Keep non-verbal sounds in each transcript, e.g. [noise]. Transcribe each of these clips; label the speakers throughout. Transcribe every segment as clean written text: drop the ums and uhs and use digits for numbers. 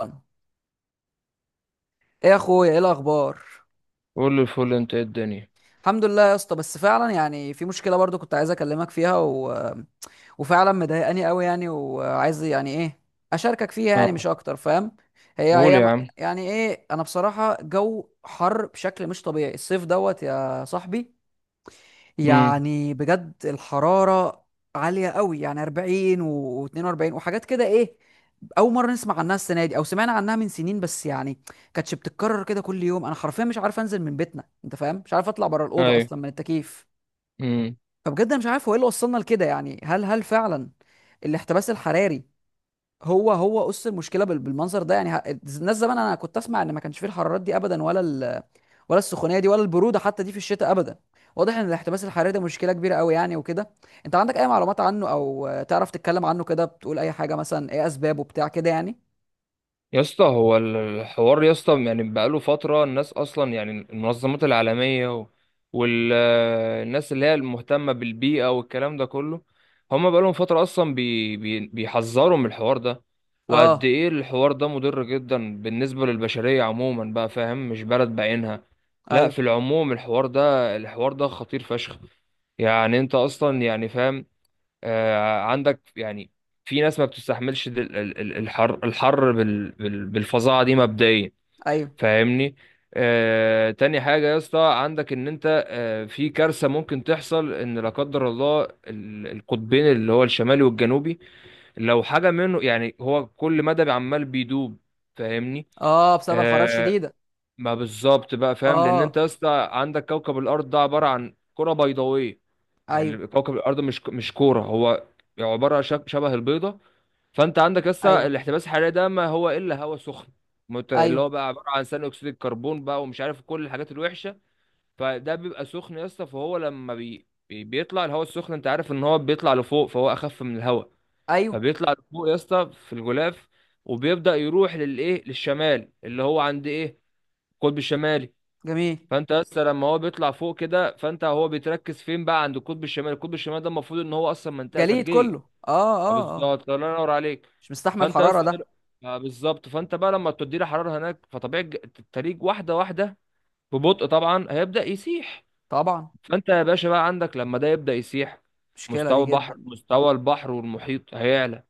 Speaker 1: ايه؟ يا اخويا، ايه الاخبار؟
Speaker 2: قول الفل، انت ايه الدنيا؟
Speaker 1: الحمد لله يا اسطى، بس فعلا يعني في مشكله برضو كنت عايز اكلمك فيها وفعلا مضايقاني قوي يعني، وعايز يعني ايه، اشاركك فيها يعني، مش
Speaker 2: اه.
Speaker 1: اكتر، فاهم؟ هي
Speaker 2: قول
Speaker 1: هي
Speaker 2: يا
Speaker 1: م-
Speaker 2: عم.
Speaker 1: يعني ايه، انا بصراحه جو حر بشكل مش طبيعي الصيف دوت يا صاحبي.
Speaker 2: امم.
Speaker 1: يعني بجد الحرارة عالية قوي، يعني 40 و42 وحاجات كده. ايه اول مرة نسمع عنها السنة دي، او سمعنا عنها من سنين بس يعني كانتش بتتكرر كده كل يوم. انا حرفيا مش عارف انزل من بيتنا، انت فاهم؟ مش عارف اطلع بره الأوضة
Speaker 2: ايوه.
Speaker 1: اصلا من التكييف.
Speaker 2: امم
Speaker 1: فبجد انا مش عارف هو ايه اللي وصلنا لكده. يعني هل فعلا الاحتباس الحراري هو قص المشكله بالمنظر ده؟ يعني الناس زمان انا كنت اسمع ان ما كانش فيه الحرارات دي ابدا، ولا السخونيه دي، ولا البروده حتى دي في الشتاء ابدا. واضح ان الاحتباس الحراري ده مشكله كبيره قوي يعني وكده. انت عندك اي معلومات عنه، او تعرف تتكلم عنه كده، بتقول اي حاجه مثلا، ايه اسبابه بتاع كده يعني؟
Speaker 2: يا اسطى، هو الحوار يا اسطى يعني بقاله فتره، الناس اصلا يعني المنظمات العالميه والناس اللي هي المهتمه بالبيئه والكلام ده كله، هم بقالهم فتره اصلا بي بي بيحذروا من الحوار ده، وقد
Speaker 1: اه.
Speaker 2: ايه الحوار ده مضر جدا بالنسبه للبشريه عموما، بقى فاهم؟ مش بلد بعينها، لا،
Speaker 1: ايوه.
Speaker 2: في العموم الحوار ده خطير فشخ. يعني انت اصلا يعني فاهم، عندك يعني في ناس ما بتستحملش الحر الحر بالفظاعه دي مبدئيا،
Speaker 1: ايوه.
Speaker 2: فاهمني؟ تاني حاجة يا اسطى، عندك ان انت في كارثة ممكن تحصل ان لا قدر الله القطبين اللي هو الشمالي والجنوبي، لو حاجة منه يعني هو كل مدى عمال بيدوب، فاهمني؟
Speaker 1: اه، بسبب الحراره
Speaker 2: آه،
Speaker 1: الشديده.
Speaker 2: ما بالظبط بقى، فاهم؟ لان
Speaker 1: اه.
Speaker 2: انت يا اسطى عندك كوكب الارض ده عبارة عن كرة بيضاوية،
Speaker 1: ايوه.
Speaker 2: يعني كوكب الارض مش كوره، هو عباره شبه البيضه. فانت عندك لسه
Speaker 1: ايوه.
Speaker 2: الاحتباس الحراري ده ما هو الا هواء سخن، اللي هو
Speaker 1: ايوه.
Speaker 2: بقى عباره عن ثاني اكسيد الكربون بقى ومش عارف كل الحاجات الوحشه. فده بيبقى سخن يا اسطى، فهو لما بيطلع الهواء السخن، انت عارف ان هو بيطلع لفوق، فهو اخف من الهواء،
Speaker 1: ايوه.
Speaker 2: فبيطلع لفوق يا اسطى في الغلاف، وبيبدا يروح للايه، للشمال اللي هو عند ايه، القطب الشمالي.
Speaker 1: جميل.
Speaker 2: فانت لسه لما هو بيطلع فوق كده، فانت هو بيتركز فين بقى؟ عند القطب الشمالي، القطب الشمالي ده المفروض ان هو اصلا منطقه
Speaker 1: جليد
Speaker 2: ثلجيه.
Speaker 1: كله. اه،
Speaker 2: اه،
Speaker 1: اه، اه.
Speaker 2: بالظبط، الله ينور عليك.
Speaker 1: مش مستحمل
Speaker 2: فانت
Speaker 1: الحراره
Speaker 2: لسه دل...
Speaker 1: ده.
Speaker 2: اه بالظبط، فانت بقى لما تدي له حراره هناك فطبيعي التلج واحده واحده، ببطء طبعا، هيبدا يسيح.
Speaker 1: طبعا.
Speaker 2: فانت يا باشا بقى عندك لما ده يبدا يسيح،
Speaker 1: مشكله
Speaker 2: مستوى
Speaker 1: دي
Speaker 2: البحر
Speaker 1: جدا.
Speaker 2: مستوى البحر والمحيط هيعلى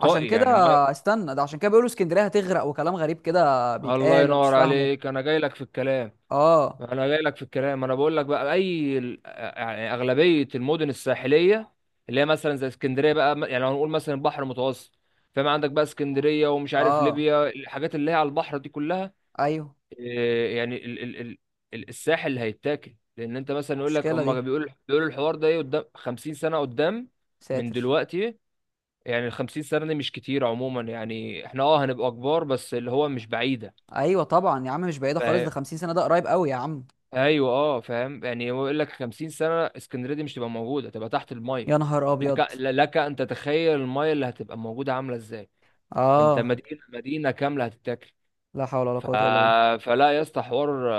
Speaker 1: عشان كده
Speaker 2: يعني ما...
Speaker 1: استنى، ده عشان كده بيقولوا اسكندريه هتغرق، وكلام غريب كده
Speaker 2: الله
Speaker 1: بيتقال وانا مش
Speaker 2: ينور
Speaker 1: فاهمه.
Speaker 2: عليك، انا جاي لك في الكلام،
Speaker 1: اه.
Speaker 2: انا جاي لك في الكلام، انا بقول لك بقى اي يعني اغلبيه المدن الساحليه اللي هي مثلا زي اسكندريه بقى، يعني لو هنقول مثلا البحر المتوسط، فاهم؟ عندك بقى اسكندريه، ومش عارف
Speaker 1: اه.
Speaker 2: ليبيا، الحاجات اللي هي على البحر دي كلها.
Speaker 1: ايوه،
Speaker 2: يعني الساحل اللي هيتاكل، لان انت مثلا يقول لك،
Speaker 1: المشكله
Speaker 2: هم
Speaker 1: دي.
Speaker 2: بيقولوا الحوار ده ايه، قدام 50 سنه، قدام من
Speaker 1: ساتر.
Speaker 2: دلوقتي، يعني ال 50 سنه دي مش كتير عموما، يعني احنا هنبقى كبار، بس اللي هو مش بعيده.
Speaker 1: ايوه طبعا يا عم، مش بعيده خالص، ده 50 سنه ده قريب قوي يا عم.
Speaker 2: ايوه، اه، فاهم. يعني هو يقول لك 50 سنه اسكندريه دي مش تبقى موجوده، تبقى تحت الميه.
Speaker 1: يا نهار
Speaker 2: لك
Speaker 1: ابيض.
Speaker 2: ل- لك ان تتخيل الميه اللي هتبقى موجوده عامله ازاي، انت
Speaker 1: اه.
Speaker 2: مدينه مدينه كامله هتتاكل.
Speaker 1: لا حول ولا
Speaker 2: ف...
Speaker 1: قوه الا بالله.
Speaker 2: فلا يا اسطى، حوار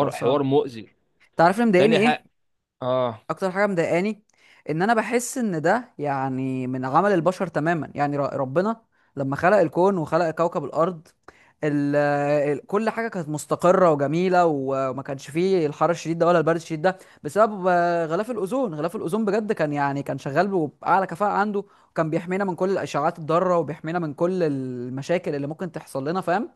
Speaker 1: حوار صعب.
Speaker 2: حوار مؤذي.
Speaker 1: انت عارف اللي مضايقني
Speaker 2: تاني
Speaker 1: ايه؟
Speaker 2: حاجه. اه.
Speaker 1: اكتر حاجه مضايقاني ان انا بحس ان ده يعني من عمل البشر تماما. يعني ربنا لما خلق الكون وخلق كوكب الارض، ال ال كل حاجه كانت مستقره وجميله، وما كانش فيه الحر الشديد ده ولا البرد الشديد ده، بسبب غلاف الاوزون. غلاف الاوزون بجد كان يعني كان شغال باعلى كفاءه عنده، وكان بيحمينا من كل الاشعاعات الضاره، وبيحمينا من كل المشاكل اللي ممكن تحصل لنا، فاهم؟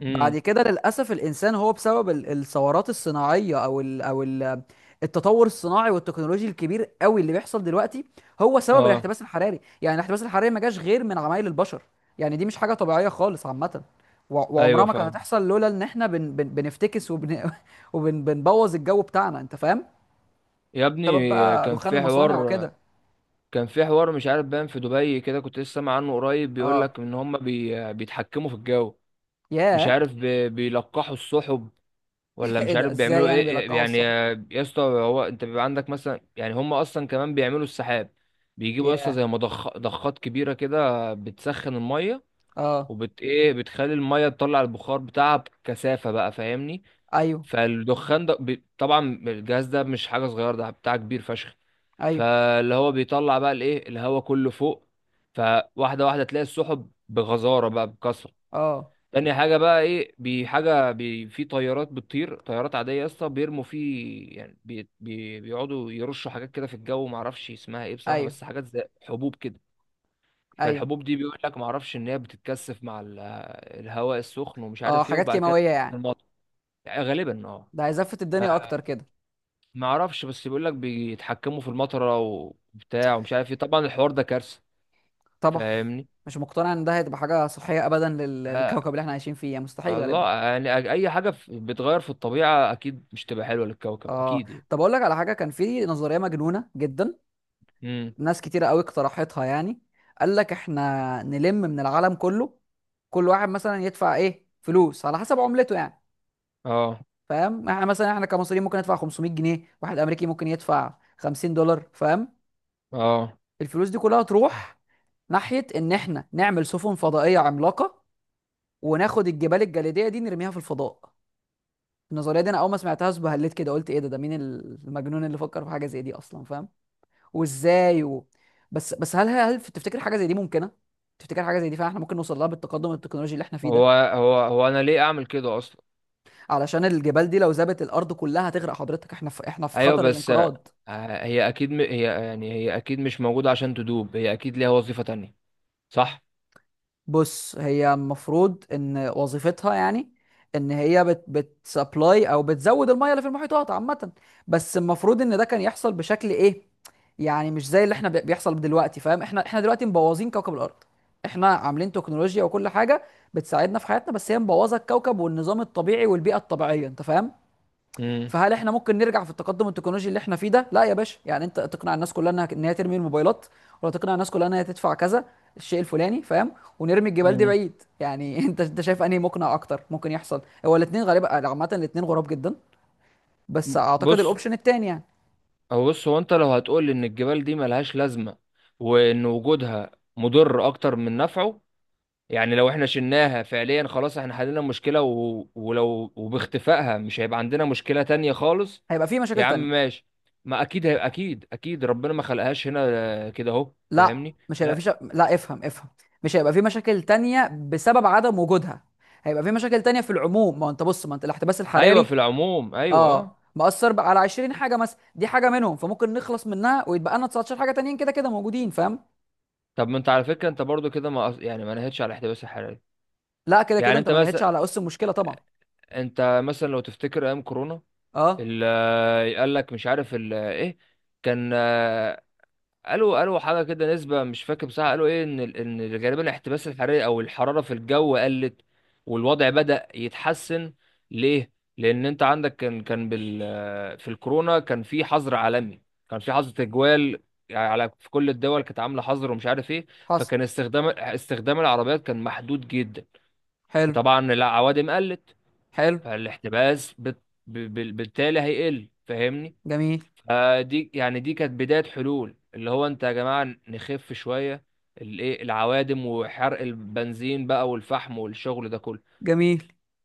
Speaker 2: امم.
Speaker 1: بعد كده للأسف الإنسان هو بسبب الثورات الصناعية، أو التطور الصناعي والتكنولوجي الكبير قوي اللي بيحصل دلوقتي، هو سبب
Speaker 2: اه.
Speaker 1: الاحتباس الحراري. يعني الاحتباس الحراري ما جاش غير من عمايل البشر. يعني دي مش حاجة طبيعية خالص عامة. وعمرها
Speaker 2: ايوه،
Speaker 1: ما كانت
Speaker 2: فاهم.
Speaker 1: هتحصل لولا إن إحنا بن بن بنفتكس، وبن [laughs] وبنبوظ الجو بتاعنا، أنت فاهم؟
Speaker 2: يا
Speaker 1: سبب
Speaker 2: ابني
Speaker 1: بقى
Speaker 2: كان
Speaker 1: دخان
Speaker 2: في
Speaker 1: المصانع
Speaker 2: حوار،
Speaker 1: وكده.
Speaker 2: مش عارف باين في دبي كده، كنت لسه سامع عنه قريب، بيقول لك
Speaker 1: اه.
Speaker 2: ان هم بيتحكموا في الجو. مش
Speaker 1: ياه.
Speaker 2: عارف بيلقحوا السحب،
Speaker 1: [laughs]
Speaker 2: ولا
Speaker 1: ايه
Speaker 2: مش
Speaker 1: ده،
Speaker 2: عارف
Speaker 1: ازاي
Speaker 2: بيعملوا
Speaker 1: يعني
Speaker 2: ايه.
Speaker 1: بيلقحوا
Speaker 2: يعني
Speaker 1: الصحب؟
Speaker 2: يا اسطى، هو انت بيبقى عندك مثلا، يعني هم اصلا كمان بيعملوا السحاب. بيجيبوا يا اسطى
Speaker 1: ياه.
Speaker 2: زي ضخات كبيره كده، بتسخن الميه
Speaker 1: اه.
Speaker 2: وبت ايه، بتخلي الميه تطلع البخار بتاعها بكثافه بقى، فاهمني؟
Speaker 1: ايوه.
Speaker 2: فالدخان ده طبعا الجهاز ده مش حاجه صغيره، ده بتاع كبير فشخ،
Speaker 1: ايوه.
Speaker 2: فاللي هو بيطلع بقى الايه، الهواء كله فوق، فواحده واحده تلاقي السحب بغزاره بقى، بكثره.
Speaker 1: اه.
Speaker 2: تاني حاجة بقى ايه، حاجة في طيارات بتطير، طيارات عادية يا اسطى، بيرموا فيه، يعني بي بي بيقعدوا يرشوا حاجات كده في الجو، ما اعرفش اسمها ايه بصراحة،
Speaker 1: ايوه.
Speaker 2: بس حاجات زي حبوب كده،
Speaker 1: ايوه.
Speaker 2: فالحبوب دي بيقول لك، ما اعرفش، ان هي بتتكثف مع الهواء السخن ومش
Speaker 1: اه،
Speaker 2: عارف ايه،
Speaker 1: حاجات
Speaker 2: وبعد كده
Speaker 1: كيماويه
Speaker 2: في
Speaker 1: يعني.
Speaker 2: المطر، يعني غالبا اه.
Speaker 1: ده هيزفت الدنيا اكتر كده.
Speaker 2: ما اعرفش، بس بيقول لك بيتحكموا في المطرة وبتاع ومش عارف ايه، طبعا الحوار ده كارثة،
Speaker 1: طبعا.
Speaker 2: فاهمني؟
Speaker 1: مش مقتنع ان ده هتبقى حاجه صحيه ابدا
Speaker 2: آه
Speaker 1: للكوكب اللي احنا عايشين فيه، يعني مستحيل غالبا.
Speaker 2: الله، يعني اي حاجة بتغير في الطبيعة اكيد مش تبقى حلوة للكوكب،
Speaker 1: اه.
Speaker 2: اكيد يعني.
Speaker 1: طب اقول لك على حاجه، كان في نظريه مجنونه جدا.
Speaker 2: امم.
Speaker 1: ناس كتيره قوي اقترحتها يعني. قال لك احنا نلم من العالم كله، كل واحد مثلا يدفع ايه فلوس على حسب عملته يعني.
Speaker 2: اه.
Speaker 1: فاهم؟ احنا مثلا احنا كمصريين ممكن ندفع 500 جنيه، واحد امريكي ممكن يدفع 50 دولار، فاهم؟
Speaker 2: اه.
Speaker 1: الفلوس دي كلها تروح ناحيه ان احنا نعمل سفن فضائيه عملاقه، وناخد الجبال الجليديه دي نرميها في الفضاء. النظريه دي انا اول ما سمعتهاش بهلت كده، قلت ايه ده، ده مين المجنون اللي فكر في حاجه زي دي اصلا، فاهم؟ وازاي و... بس بس هل تفتكر حاجه زي دي ممكنه؟ تفتكر حاجه زي دي فعلا احنا ممكن نوصل لها بالتقدم التكنولوجي اللي احنا فيه
Speaker 2: هو
Speaker 1: ده؟
Speaker 2: هو هو انا ليه اعمل كده اصلا؟
Speaker 1: علشان الجبال دي لو ذابت الارض كلها هتغرق حضرتك، احنا في
Speaker 2: ايوه
Speaker 1: خطر
Speaker 2: بس
Speaker 1: الانقراض.
Speaker 2: هي اكيد هي يعني هي اكيد مش موجوده عشان تدوب، هي اكيد ليها وظيفه تانية، صح.
Speaker 1: بص، هي المفروض ان وظيفتها يعني ان هي بتسبلاي او بتزود الميه اللي في المحيطات عامه. بس المفروض ان ده كان يحصل بشكل ايه، يعني مش زي اللي احنا بيحصل دلوقتي. فاهم؟ احنا دلوقتي مبوظين كوكب الارض. احنا عاملين تكنولوجيا وكل حاجه بتساعدنا في حياتنا، بس هي مبوظه الكوكب والنظام الطبيعي والبيئه الطبيعيه، انت فاهم؟
Speaker 2: امم.
Speaker 1: فهل احنا ممكن نرجع في التقدم التكنولوجي اللي احنا فيه ده؟ لا يا باشا، يعني انت تقنع الناس كلها انها ان هي ترمي الموبايلات، ولا تقنع الناس كلها انها تدفع كذا الشيء الفلاني، فاهم؟ ونرمي الجبال دي
Speaker 2: امم.
Speaker 1: بعيد يعني. [laughs] انت شايف انهي مقنع اكتر ممكن يحصل؟ هو الاثنين غالبا يعني، عامة الاثنين غراب جدا. بس اعتقد
Speaker 2: بص،
Speaker 1: الاوبشن الثاني يعني.
Speaker 2: هو انت لو هتقول ان الجبال دي ملهاش لازمه، وان وجودها مضر اكتر من نفعه، يعني لو احنا شلناها فعليا، خلاص احنا حللنا المشكلة ولو وباختفائها مش هيبقى عندنا مشكلة تانية خالص.
Speaker 1: هيبقى فيه مشاكل
Speaker 2: يا عم
Speaker 1: تانية.
Speaker 2: ماشي، ما اكيد هيبقى، اكيد اكيد ربنا ما خلقهاش هنا كده اهو،
Speaker 1: لا،
Speaker 2: فاهمني؟
Speaker 1: مش هيبقى فيه
Speaker 2: لا.
Speaker 1: شا... لا افهم، افهم. مش هيبقى فيه مشاكل تانية بسبب عدم وجودها. هيبقى في مشاكل تانية في العموم. ما هو انت بص، ما انت الاحتباس
Speaker 2: ايوه،
Speaker 1: الحراري
Speaker 2: في العموم، ايوه، اه.
Speaker 1: اه مأثر بقى على 20 حاجه مثلا، دي حاجه منهم، فممكن نخلص منها ويتبقى لنا 19 حاجه تانيين كده كده موجودين، فاهم؟
Speaker 2: طب ما انت على فكرة، انت برضو كده، ما يعني ما نهتش على الاحتباس الحراري.
Speaker 1: لا كده كده
Speaker 2: يعني
Speaker 1: انت
Speaker 2: انت
Speaker 1: ما نهتش
Speaker 2: مثلا،
Speaker 1: على اس المشكله طبعا.
Speaker 2: لو تفتكر ايام كورونا،
Speaker 1: اه.
Speaker 2: قال لك مش عارف ايه كان، قالوا حاجه كده، نسبه مش فاكر بصراحه، قالوا ايه ان ان غالبا الاحتباس الحراري او الحراره في الجو قلت، والوضع بدأ يتحسن. ليه؟ لان انت عندك كان في الكورونا كان في حظر عالمي، كان في حظر تجوال، يعني على في كل الدول كانت عامله حظر ومش عارف ايه،
Speaker 1: حصل.
Speaker 2: فكان استخدام العربيات كان محدود جدا،
Speaker 1: حلو.
Speaker 2: فطبعا العوادم قلت،
Speaker 1: حلو.
Speaker 2: فالاحتباس بالتالي هيقل، فاهمني؟
Speaker 1: جميل.
Speaker 2: دي يعني دي كانت بداية حلول، اللي هو انت يا جماعة نخف شوية الايه، العوادم وحرق البنزين بقى والفحم والشغل ده كله،
Speaker 1: جميل.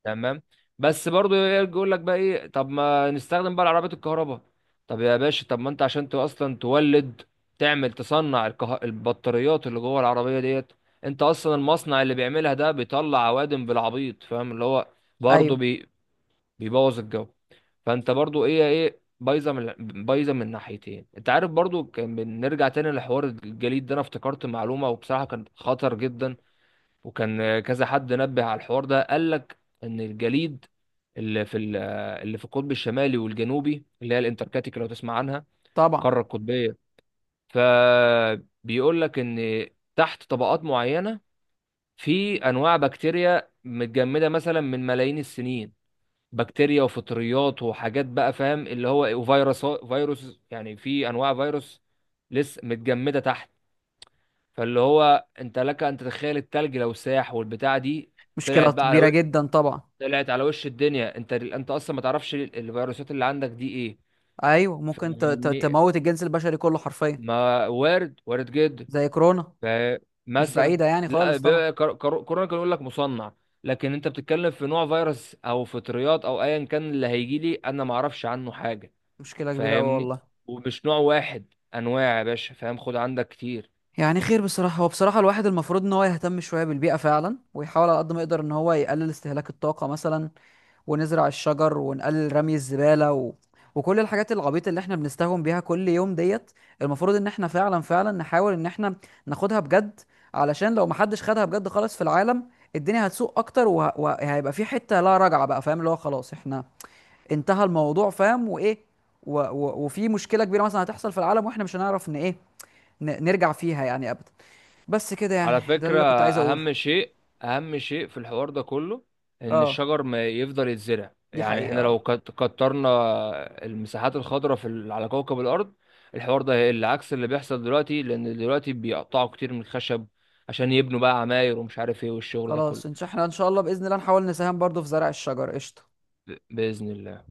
Speaker 2: تمام. بس برضو يقول لك بقى ايه، طب ما نستخدم بقى العربيات الكهرباء. طب يا باشا، طب ما انت عشان اصلا تولد، تعمل تصنع البطاريات اللي جوه العربية ديت، انت اصلا المصنع اللي بيعملها ده بيطلع عوادم بالعبيط، فاهم؟ اللي هو برضه
Speaker 1: ايوه
Speaker 2: بيبوظ الجو، فانت برضو ايه، بايظه من، بايظه من ناحيتين. انت عارف، برضو كان بنرجع تاني لحوار الجليد ده، انا افتكرت معلومه وبصراحه كان خطر جدا، وكان كذا حد نبه على الحوار ده، قال لك ان الجليد اللي في ال- اللي في القطب الشمالي والجنوبي اللي هي الانتاركتيك لو تسمع عنها،
Speaker 1: طبعا.
Speaker 2: القاره القطبيه، فبيقول لك ان تحت طبقات معينه في انواع بكتيريا متجمده مثلا من ملايين السنين، بكتيريا وفطريات وحاجات بقى، فاهم اللي هو وفيروس يعني في انواع فيروس لسه متجمده تحت. فاللي هو انت لك ان تتخيل التلج لو ساح والبتاع دي
Speaker 1: مشكله
Speaker 2: طلعت بقى على
Speaker 1: كبيره
Speaker 2: و...
Speaker 1: جدا طبعا.
Speaker 2: طلعت على وش الدنيا، انت اصلا ما تعرفش الفيروسات اللي عندك دي ايه،
Speaker 1: ايوه ممكن
Speaker 2: فاهمني؟
Speaker 1: تموت الجنس البشري كله حرفيا.
Speaker 2: ما وارد، وارد جدا.
Speaker 1: زي كورونا. مش
Speaker 2: فمثلا
Speaker 1: بعيده يعني
Speaker 2: لا،
Speaker 1: خالص طبعا.
Speaker 2: كورونا كان يقول لك مصنع، لكن انت بتتكلم في نوع فيروس او فطريات او ايا كان اللي هيجي لي انا ما اعرفش عنه حاجه،
Speaker 1: مشكله كبيره قوي
Speaker 2: فاهمني؟
Speaker 1: والله.
Speaker 2: ومش نوع واحد، انواع يا باشا، فاهم؟ خد عندك كتير.
Speaker 1: يعني خير بصراحة. هو بصراحة الواحد المفروض ان هو يهتم شوية بالبيئة فعلا، ويحاول على قد ما يقدر ان هو يقلل استهلاك الطاقة مثلا، ونزرع الشجر، ونقلل رمي الزبالة، وكل الحاجات العبيطة اللي احنا بنستهون بيها كل يوم ديت. المفروض ان احنا فعلا نحاول ان احنا ناخدها بجد. علشان لو محدش خدها بجد خالص في العالم، الدنيا هتسوق اكتر، وهيبقى في حتة لا رجعة بقى، فاهم؟ اللي هو خلاص احنا انتهى الموضوع، فاهم؟ وايه وفي مشكلة كبيرة مثلا هتحصل في العالم، واحنا مش هنعرف ان ايه نرجع فيها يعني ابدا. بس كده يعني،
Speaker 2: على
Speaker 1: ده
Speaker 2: فكرة،
Speaker 1: اللي كنت عايز اقوله.
Speaker 2: اهم شيء في الحوار ده كله، ان
Speaker 1: اه،
Speaker 2: الشجر ما يفضل يتزرع،
Speaker 1: دي
Speaker 2: يعني
Speaker 1: حقيقة
Speaker 2: احنا لو
Speaker 1: اه.
Speaker 2: كترنا المساحات الخضراء على كوكب الارض، الحوار ده هيقل عكس اللي بيحصل دلوقتي، لان دلوقتي بيقطعوا كتير من الخشب عشان يبنوا بقى عماير ومش عارف ايه والشغل ده كله،
Speaker 1: خلاص، احنا ان شاء الله باذن الله نحاول نساهم برضو في زرع الشجر، قشطه.
Speaker 2: بإذن الله.